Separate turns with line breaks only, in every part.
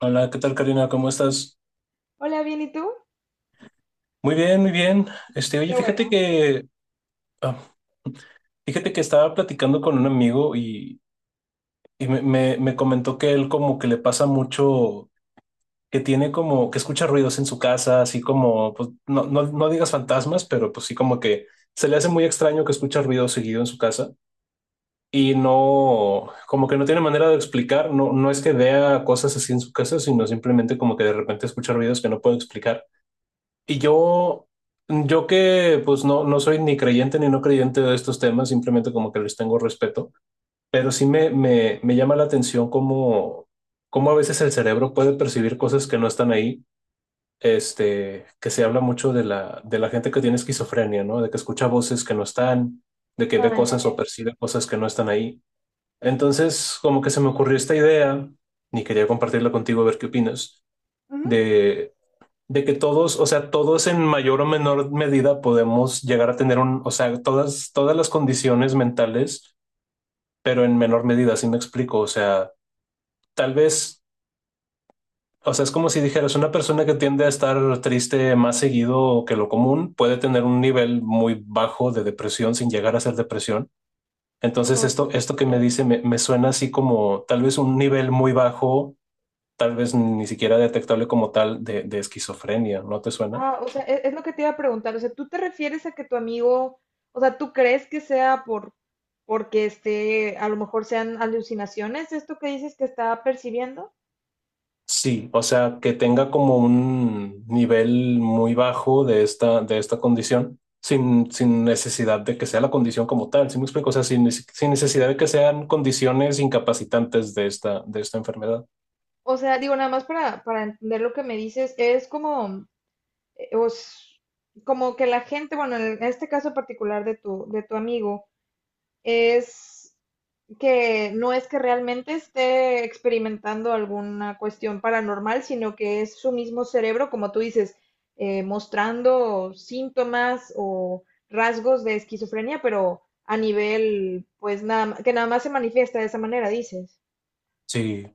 Hola, ¿qué tal, Karina? ¿Cómo estás?
Hola, bien, ¿y tú?
Muy bien, muy bien. Oye,
Qué bueno.
ah, fíjate que estaba platicando con un amigo y, me comentó que él como que le pasa mucho, que tiene como, que escucha ruidos en su casa, así como, pues, no, no, no digas fantasmas, pero pues sí como que se le hace muy extraño que escucha ruido seguido en su casa y no, como que no tiene manera de explicar, no, no es que vea cosas así en su casa, sino simplemente como que de repente escucha ruidos que no puede explicar. Y yo, yo que pues no, no soy ni creyente ni no creyente de estos temas, simplemente como que les tengo respeto, pero sí me llama la atención cómo a veces el cerebro puede percibir cosas que no están ahí. Que se habla mucho de de la gente que tiene esquizofrenia, ¿no? De que escucha voces que no están, de que ve
Ah, ya,
cosas o
ya.
percibe cosas que no están ahí. Entonces, como que se me ocurrió esta idea, y quería compartirla contigo a ver qué opinas,
Ujú.
de de que todos, o sea, todos en mayor o menor medida podemos llegar a tener un, o sea, todas las condiciones mentales, pero en menor medida, si me explico, o sea, tal vez, o sea, es como si dijeras, una persona que tiende a estar triste más seguido que lo común puede tener un nivel muy bajo de depresión sin llegar a ser depresión. Entonces,
Ok.
esto que me dice me suena así como tal vez un nivel muy bajo, tal vez ni siquiera detectable como tal de esquizofrenia, ¿no te suena?
Ah, o sea, es lo que te iba a preguntar. O sea, ¿tú te refieres a que tu amigo? O sea, ¿tú crees que sea porque a lo mejor sean alucinaciones esto que dices que está percibiendo?
Sí, o sea, que tenga como un nivel muy bajo de de esta condición, sin necesidad de que sea la condición como tal, ¿sí me explico? O sea, sin necesidad de que sean condiciones incapacitantes de de esta enfermedad.
O sea, digo, nada más para entender lo que me dices, es como, eh, os- como que la gente, bueno, en este caso particular de tu amigo, es que no es que realmente esté experimentando alguna cuestión paranormal, sino que es su mismo cerebro, como tú dices, mostrando síntomas o rasgos de esquizofrenia, pero a nivel, pues nada, que nada más se manifiesta de esa manera, dices.
Sí.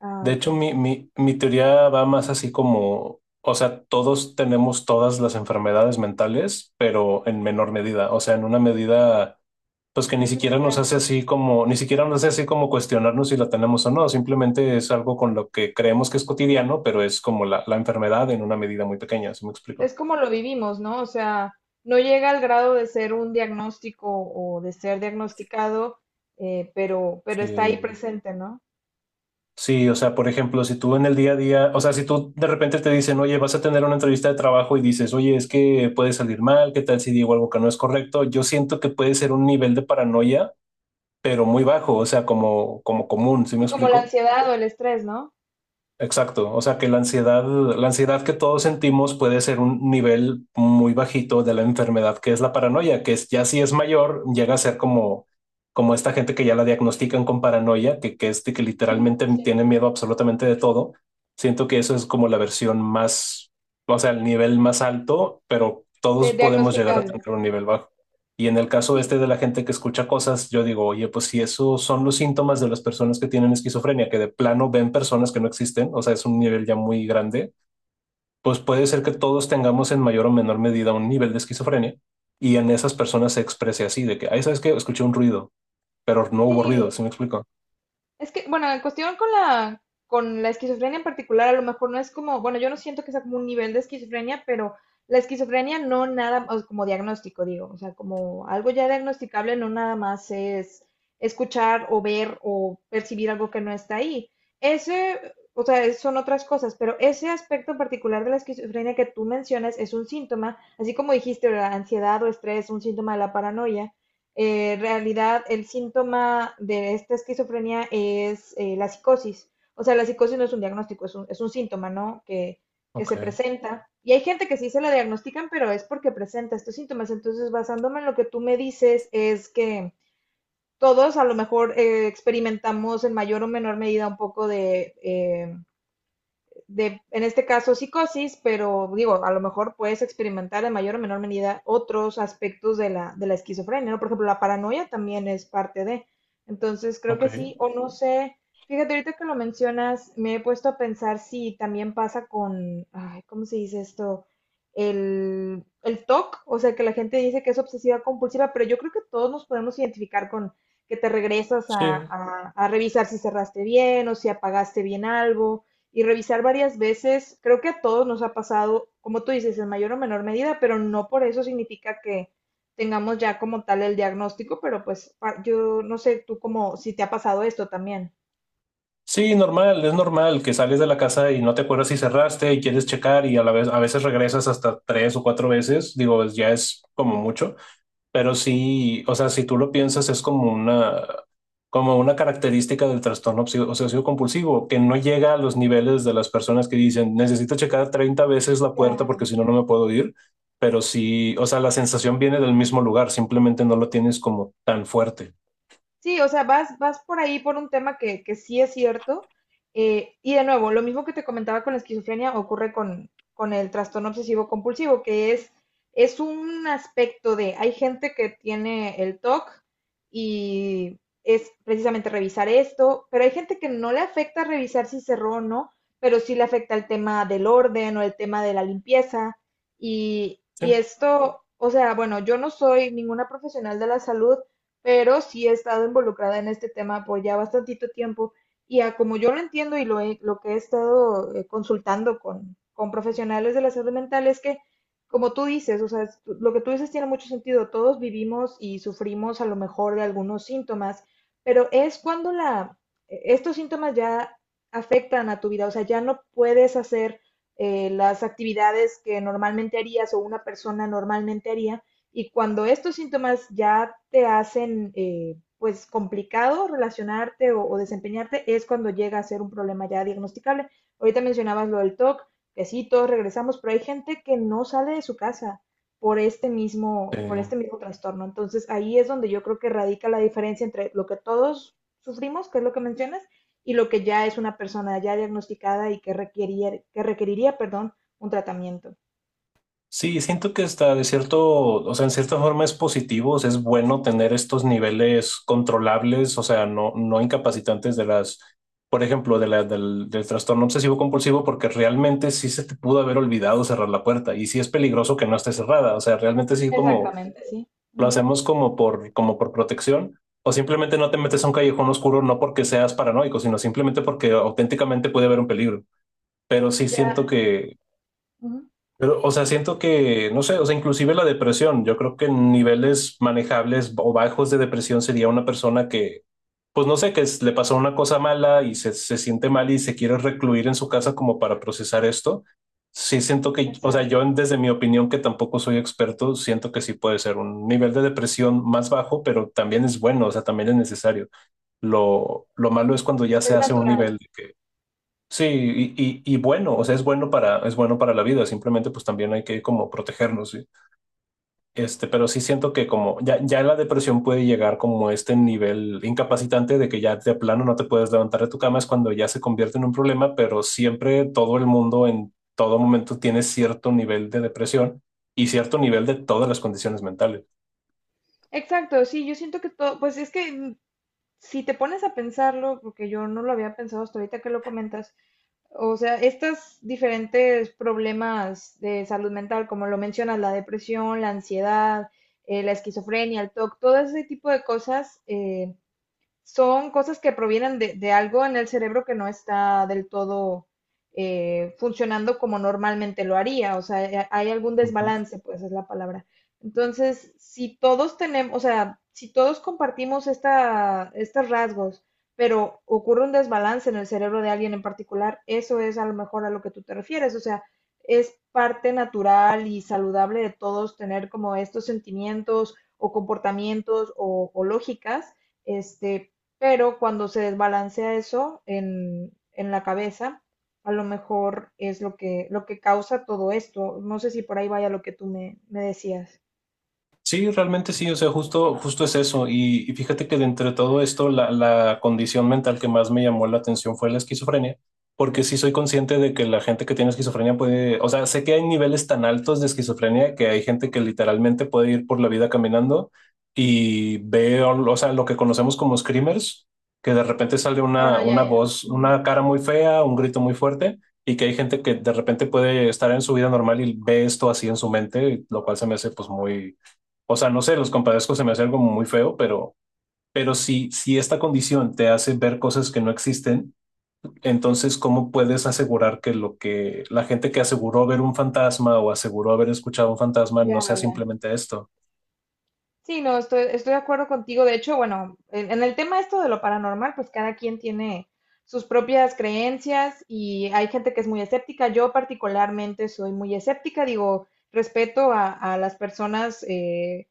Ah,
De
ok.
hecho, mi teoría va más así como, o sea, todos tenemos todas las enfermedades mentales, pero en menor medida, o sea, en una medida, pues que ni siquiera
Ujú,
nos
ya.
hace así como, ni siquiera nos hace así como cuestionarnos si la tenemos o no, simplemente es algo con lo que creemos que es cotidiano, pero es como la enfermedad en una medida muy pequeña, ¿se me explico?
Es como lo vivimos, ¿no? O sea, no llega al grado de ser un diagnóstico o de ser diagnosticado, pero está ahí
Sí.
presente, ¿no?
Sí, o sea, por ejemplo, si tú en el día a día, o sea, si tú de repente te dicen, oye, vas a tener una entrevista de trabajo y dices, oye, es que puede salir mal, ¿qué tal si digo algo que no es correcto? Yo siento que puede ser un nivel de paranoia, pero muy bajo, o sea, como, como común, ¿sí me
Sí, como la
explico?
ansiedad o el estrés, ¿no?
Exacto, o sea que la ansiedad que todos sentimos puede ser un nivel muy bajito de la enfermedad que es la paranoia, que es, ya si es mayor llega a ser como, como esta gente que ya la diagnostican con paranoia, es, de que
Ujú,
literalmente
sí.
tiene miedo absolutamente de todo. Siento que eso es como la versión más, o sea, el nivel más alto, pero todos podemos llegar a
Diagnosticable.
tener un nivel bajo. Y en el caso este
Sí,
de la gente que escucha cosas, yo digo, oye, pues si esos son los síntomas de las personas que tienen esquizofrenia, que de plano ven personas que no existen, o sea, es un nivel ya muy grande, pues puede ser que todos tengamos en mayor o menor medida un nivel de esquizofrenia y en esas personas se exprese así, de que, ay, ¿sabes qué? Escuché un ruido, pero no hubo ruido,
sí,
¿sí me explico?
es que, bueno, en cuestión con la esquizofrenia en particular, a lo mejor no es como, bueno, yo no siento que sea como un nivel de esquizofrenia, pero la esquizofrenia no nada, o como diagnóstico, digo, o sea, como algo ya diagnosticable, no nada más es escuchar o ver o percibir algo que no está ahí. Ese, o sea, son otras cosas, pero ese aspecto en particular de la esquizofrenia que tú mencionas es un síntoma, así como dijiste, la ansiedad o estrés, un síntoma de la paranoia. Realidad el síntoma de esta esquizofrenia es la psicosis. O sea, la psicosis no es un diagnóstico, es un, síntoma, ¿no? Que
Ok,
se presenta. Y hay gente que sí se la diagnostican, pero es porque presenta estos síntomas. Entonces, basándome en lo que tú me dices, es que todos a lo mejor experimentamos en mayor o menor medida un poco de, en este caso, psicosis, pero digo, a lo mejor puedes experimentar en mayor o menor medida otros aspectos de la esquizofrenia, ¿no? Por ejemplo, la paranoia también es parte de. Entonces, creo
ok,
que sí, o no sé, fíjate, ahorita que lo mencionas, me he puesto a pensar si también pasa con, ay, ¿cómo se dice esto? El TOC, o C, o sea, que la gente dice que es obsesiva compulsiva, pero yo creo que todos nos podemos identificar con que te regresas
sí.
a revisar si cerraste bien o si apagaste bien algo y revisar varias veces, creo que a todos nos ha pasado, como tú dices, en mayor o menor medida, pero no por eso significa que tengamos ya como tal el diagnóstico, pero pues yo no sé tú como si te ha pasado esto también.
Sí, normal, es normal que sales de la casa y no te acuerdas si cerraste y quieres checar y a la vez a veces regresas hasta tres o cuatro veces, digo, ya es como mucho. Pero sí, o sea, si tú lo piensas, es como una característica del obsesivo-compulsivo, que no llega a los niveles de las personas que dicen, necesito checar 30 veces la puerta porque si no, no me puedo ir. Pero sí, o sea, la sensación viene del mismo lugar, simplemente no lo tienes como tan fuerte.
Sí, o sea, vas por ahí por un tema que sí es cierto. Y de nuevo, lo mismo que te comentaba con la esquizofrenia ocurre con, el trastorno obsesivo compulsivo, que es un aspecto de, hay gente que tiene el TOC y es precisamente revisar esto, pero hay gente que no le afecta revisar si cerró o no, pero sí le afecta el tema del orden o el tema de la limpieza. Y,
Sí.
y esto, o sea, bueno, yo no soy ninguna profesional de la salud, pero sí he estado involucrada en este tema por ya bastantito tiempo y a como yo lo entiendo y lo, lo que he estado consultando con profesionales de la salud mental es que, como tú dices, o sea, lo que tú dices tiene mucho sentido, todos vivimos y sufrimos a lo mejor de algunos síntomas, pero es cuando la, estos síntomas ya afectan a tu vida, o sea, ya no puedes hacer las actividades que normalmente harías o una persona normalmente haría y cuando estos síntomas ya te hacen pues complicado relacionarte o desempeñarte, es cuando llega a ser un problema ya diagnosticable. Ahorita mencionabas lo del TOC, que sí, todos regresamos, pero hay gente que no sale de su casa
Sí.
por este mismo trastorno. Entonces ahí es donde yo creo que radica la diferencia entre lo que todos sufrimos, que es lo que mencionas, y lo que ya es una persona ya diagnosticada y que requeriría perdón, un tratamiento.
Sí, siento que está de cierto, o sea, en cierta forma es positivo, o sea, es bueno tener estos niveles controlables, o sea, no, no incapacitantes de las, por ejemplo, de del trastorno obsesivo compulsivo, porque realmente sí se te pudo haber olvidado cerrar la puerta y sí es peligroso que no esté cerrada, o sea, realmente sí como
Exactamente, sí. Uh
lo
-huh.
hacemos como por, como por protección, o simplemente no te metes a un callejón oscuro, no porque seas paranoico, sino simplemente porque auténticamente puede haber un peligro. Pero sí siento
Ya,
que,
uh -huh.
pero, o sea, siento que, no sé, o sea, inclusive la depresión, yo creo que en niveles manejables o bajos de depresión sería una persona que, pues no sé, le pasó una cosa mala y se siente mal y se quiere recluir en su casa como para procesar esto. Sí siento que, o sea,
Exacto,
desde mi opinión, que tampoco soy experto, siento que sí puede ser un nivel de depresión más bajo, pero también es bueno, o sea, también es necesario. Lo malo es cuando ya se
es
hace un nivel.
natural.
Sí, y bueno, o sea, es bueno para la vida, simplemente pues también hay que como protegernos, ¿sí? Pero sí siento que como ya la depresión puede llegar como a este nivel incapacitante de que ya de plano no te puedes levantar de tu cama, es cuando ya se convierte en un problema, pero siempre todo el mundo en todo momento tiene cierto nivel de depresión y cierto nivel de todas las condiciones mentales.
Exacto, sí, yo siento que todo, pues es que si te pones a pensarlo, porque yo no lo había pensado hasta ahorita que lo comentas, o sea, estos diferentes problemas de salud mental, como lo mencionas, la depresión, la ansiedad, la esquizofrenia, el TOC, todo ese tipo de cosas, son cosas que provienen de algo en el cerebro que no está del todo funcionando como normalmente lo haría. O sea, hay algún
Ujú.
desbalance, pues es la palabra. Entonces, si todos tenemos, o sea, si todos compartimos estos rasgos, pero ocurre un desbalance en el cerebro de alguien en particular, eso es a lo mejor a lo que tú te refieres. O sea, es parte natural y saludable de todos tener como estos sentimientos o comportamientos o lógicas, este, pero cuando se desbalancea eso en, la cabeza, a lo mejor es lo que causa todo esto. No sé si por ahí vaya lo que tú me decías.
Sí, realmente sí, o sea, justo es eso. Y fíjate que de entre todo esto, la condición mental que más me llamó la atención fue la esquizofrenia, porque sí soy consciente de que la gente que tiene esquizofrenia puede, o sea, sé que hay niveles tan altos de esquizofrenia que hay gente que literalmente puede ir por la vida caminando y ve, o sea, lo que conocemos como screamers, que de repente sale
Ah, ya,
una
ya.
voz,
Ujú.
una cara muy fea, un grito muy fuerte, y que hay gente que de repente puede estar en su vida normal y ve esto así en su mente, lo cual se me hace pues muy, o sea, no sé, los compadezco, se me hace algo muy feo, pero si, si esta condición te hace ver cosas que no existen, entonces, ¿cómo puedes asegurar que lo que la gente que aseguró ver un fantasma o aseguró haber escuchado un fantasma no
Ya,
sea
ya.
simplemente esto?
Sí, no, estoy de acuerdo contigo. De hecho, bueno, en, el tema esto de lo paranormal, pues cada quien tiene sus propias creencias y hay gente que es muy escéptica. Yo particularmente soy muy escéptica, digo, respeto a las personas,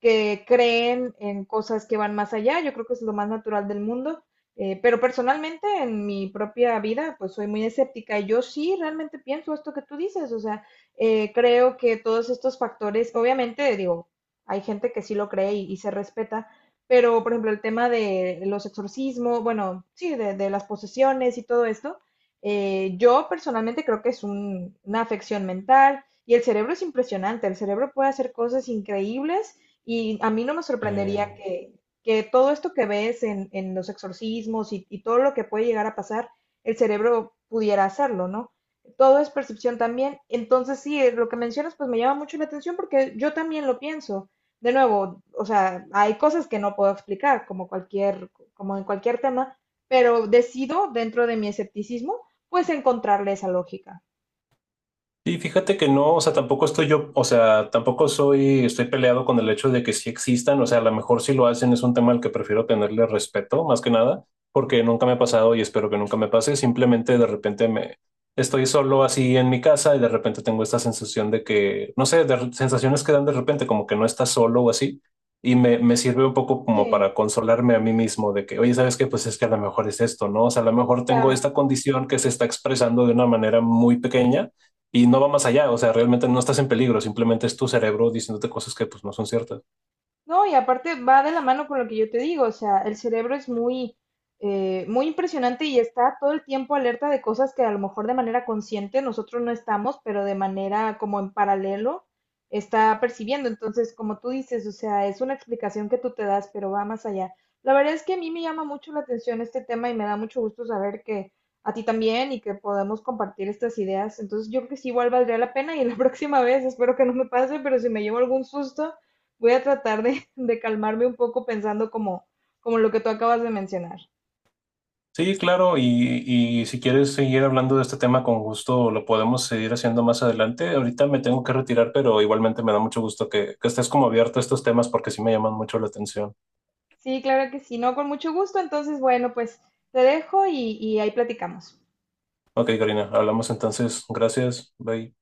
que creen en cosas que van más allá. Yo creo que es lo más natural del mundo. Pero personalmente en mi propia vida, pues soy muy escéptica. Y yo sí realmente pienso esto que tú dices. O sea, creo que todos estos factores, obviamente, digo, hay gente que sí lo cree y se respeta. Pero, por ejemplo, el tema de los exorcismos, bueno, sí, de las posesiones y todo esto, yo personalmente creo que es una afección mental y el cerebro es impresionante. El cerebro puede hacer cosas increíbles y a mí no me sorprendería
Eh,
que, todo esto que ves en, los exorcismos y todo lo que puede llegar a pasar, el cerebro pudiera hacerlo, ¿no? Todo es percepción también. Entonces, sí, lo que mencionas, pues me llama mucho la atención porque yo también lo pienso. De nuevo, o sea, hay cosas que no puedo explicar, como cualquier, como en cualquier tema, pero decido, dentro de mi escepticismo, pues encontrarle esa lógica.
Y fíjate que no, o sea, tampoco estoy yo, o sea, tampoco soy, estoy peleado con el hecho de que sí existan, o sea, a lo mejor si lo hacen es un tema al que prefiero tenerle respeto, más que nada, porque nunca me ha pasado y espero que nunca me pase, simplemente de repente me estoy solo así en mi casa y de repente tengo esta sensación de que, no sé, sensaciones que dan de repente como que no estás solo o así, y me sirve un poco como
Sí,
para consolarme a mí mismo de que, oye, ¿sabes qué? Pues es que a lo mejor es esto, ¿no? O sea, a lo mejor tengo
claro.
esta condición que se está expresando de una manera muy pequeña y no va más allá, o sea, realmente no estás en peligro, simplemente es tu cerebro diciéndote cosas que pues no son ciertas.
No, y aparte va de la mano con lo que yo te digo, o sea, el cerebro es muy, muy impresionante y está todo el tiempo alerta de cosas que a lo mejor de manera consciente nosotros no estamos, pero de manera como en paralelo está percibiendo. Entonces, como tú dices, o sea, es una explicación que tú te das, pero va más allá. La verdad es que a mí me llama mucho la atención este tema y me da mucho gusto saber que a ti también y que podemos compartir estas ideas. Entonces, yo creo que sí igual valdría la pena y la próxima vez espero que no me pase, pero si me llevo algún susto voy a tratar de, de calmarme un poco pensando como, como lo que tú acabas de mencionar.
Sí, claro, y si quieres seguir hablando de este tema con gusto, lo podemos seguir haciendo más adelante. Ahorita me tengo que retirar, pero igualmente me da mucho gusto que estés como abierto a estos temas porque sí me llaman mucho la atención.
Sí, claro que sí, no, con mucho gusto. Entonces, bueno, pues te dejo y ahí platicamos.
Ok, Karina, hablamos entonces. Gracias, bye.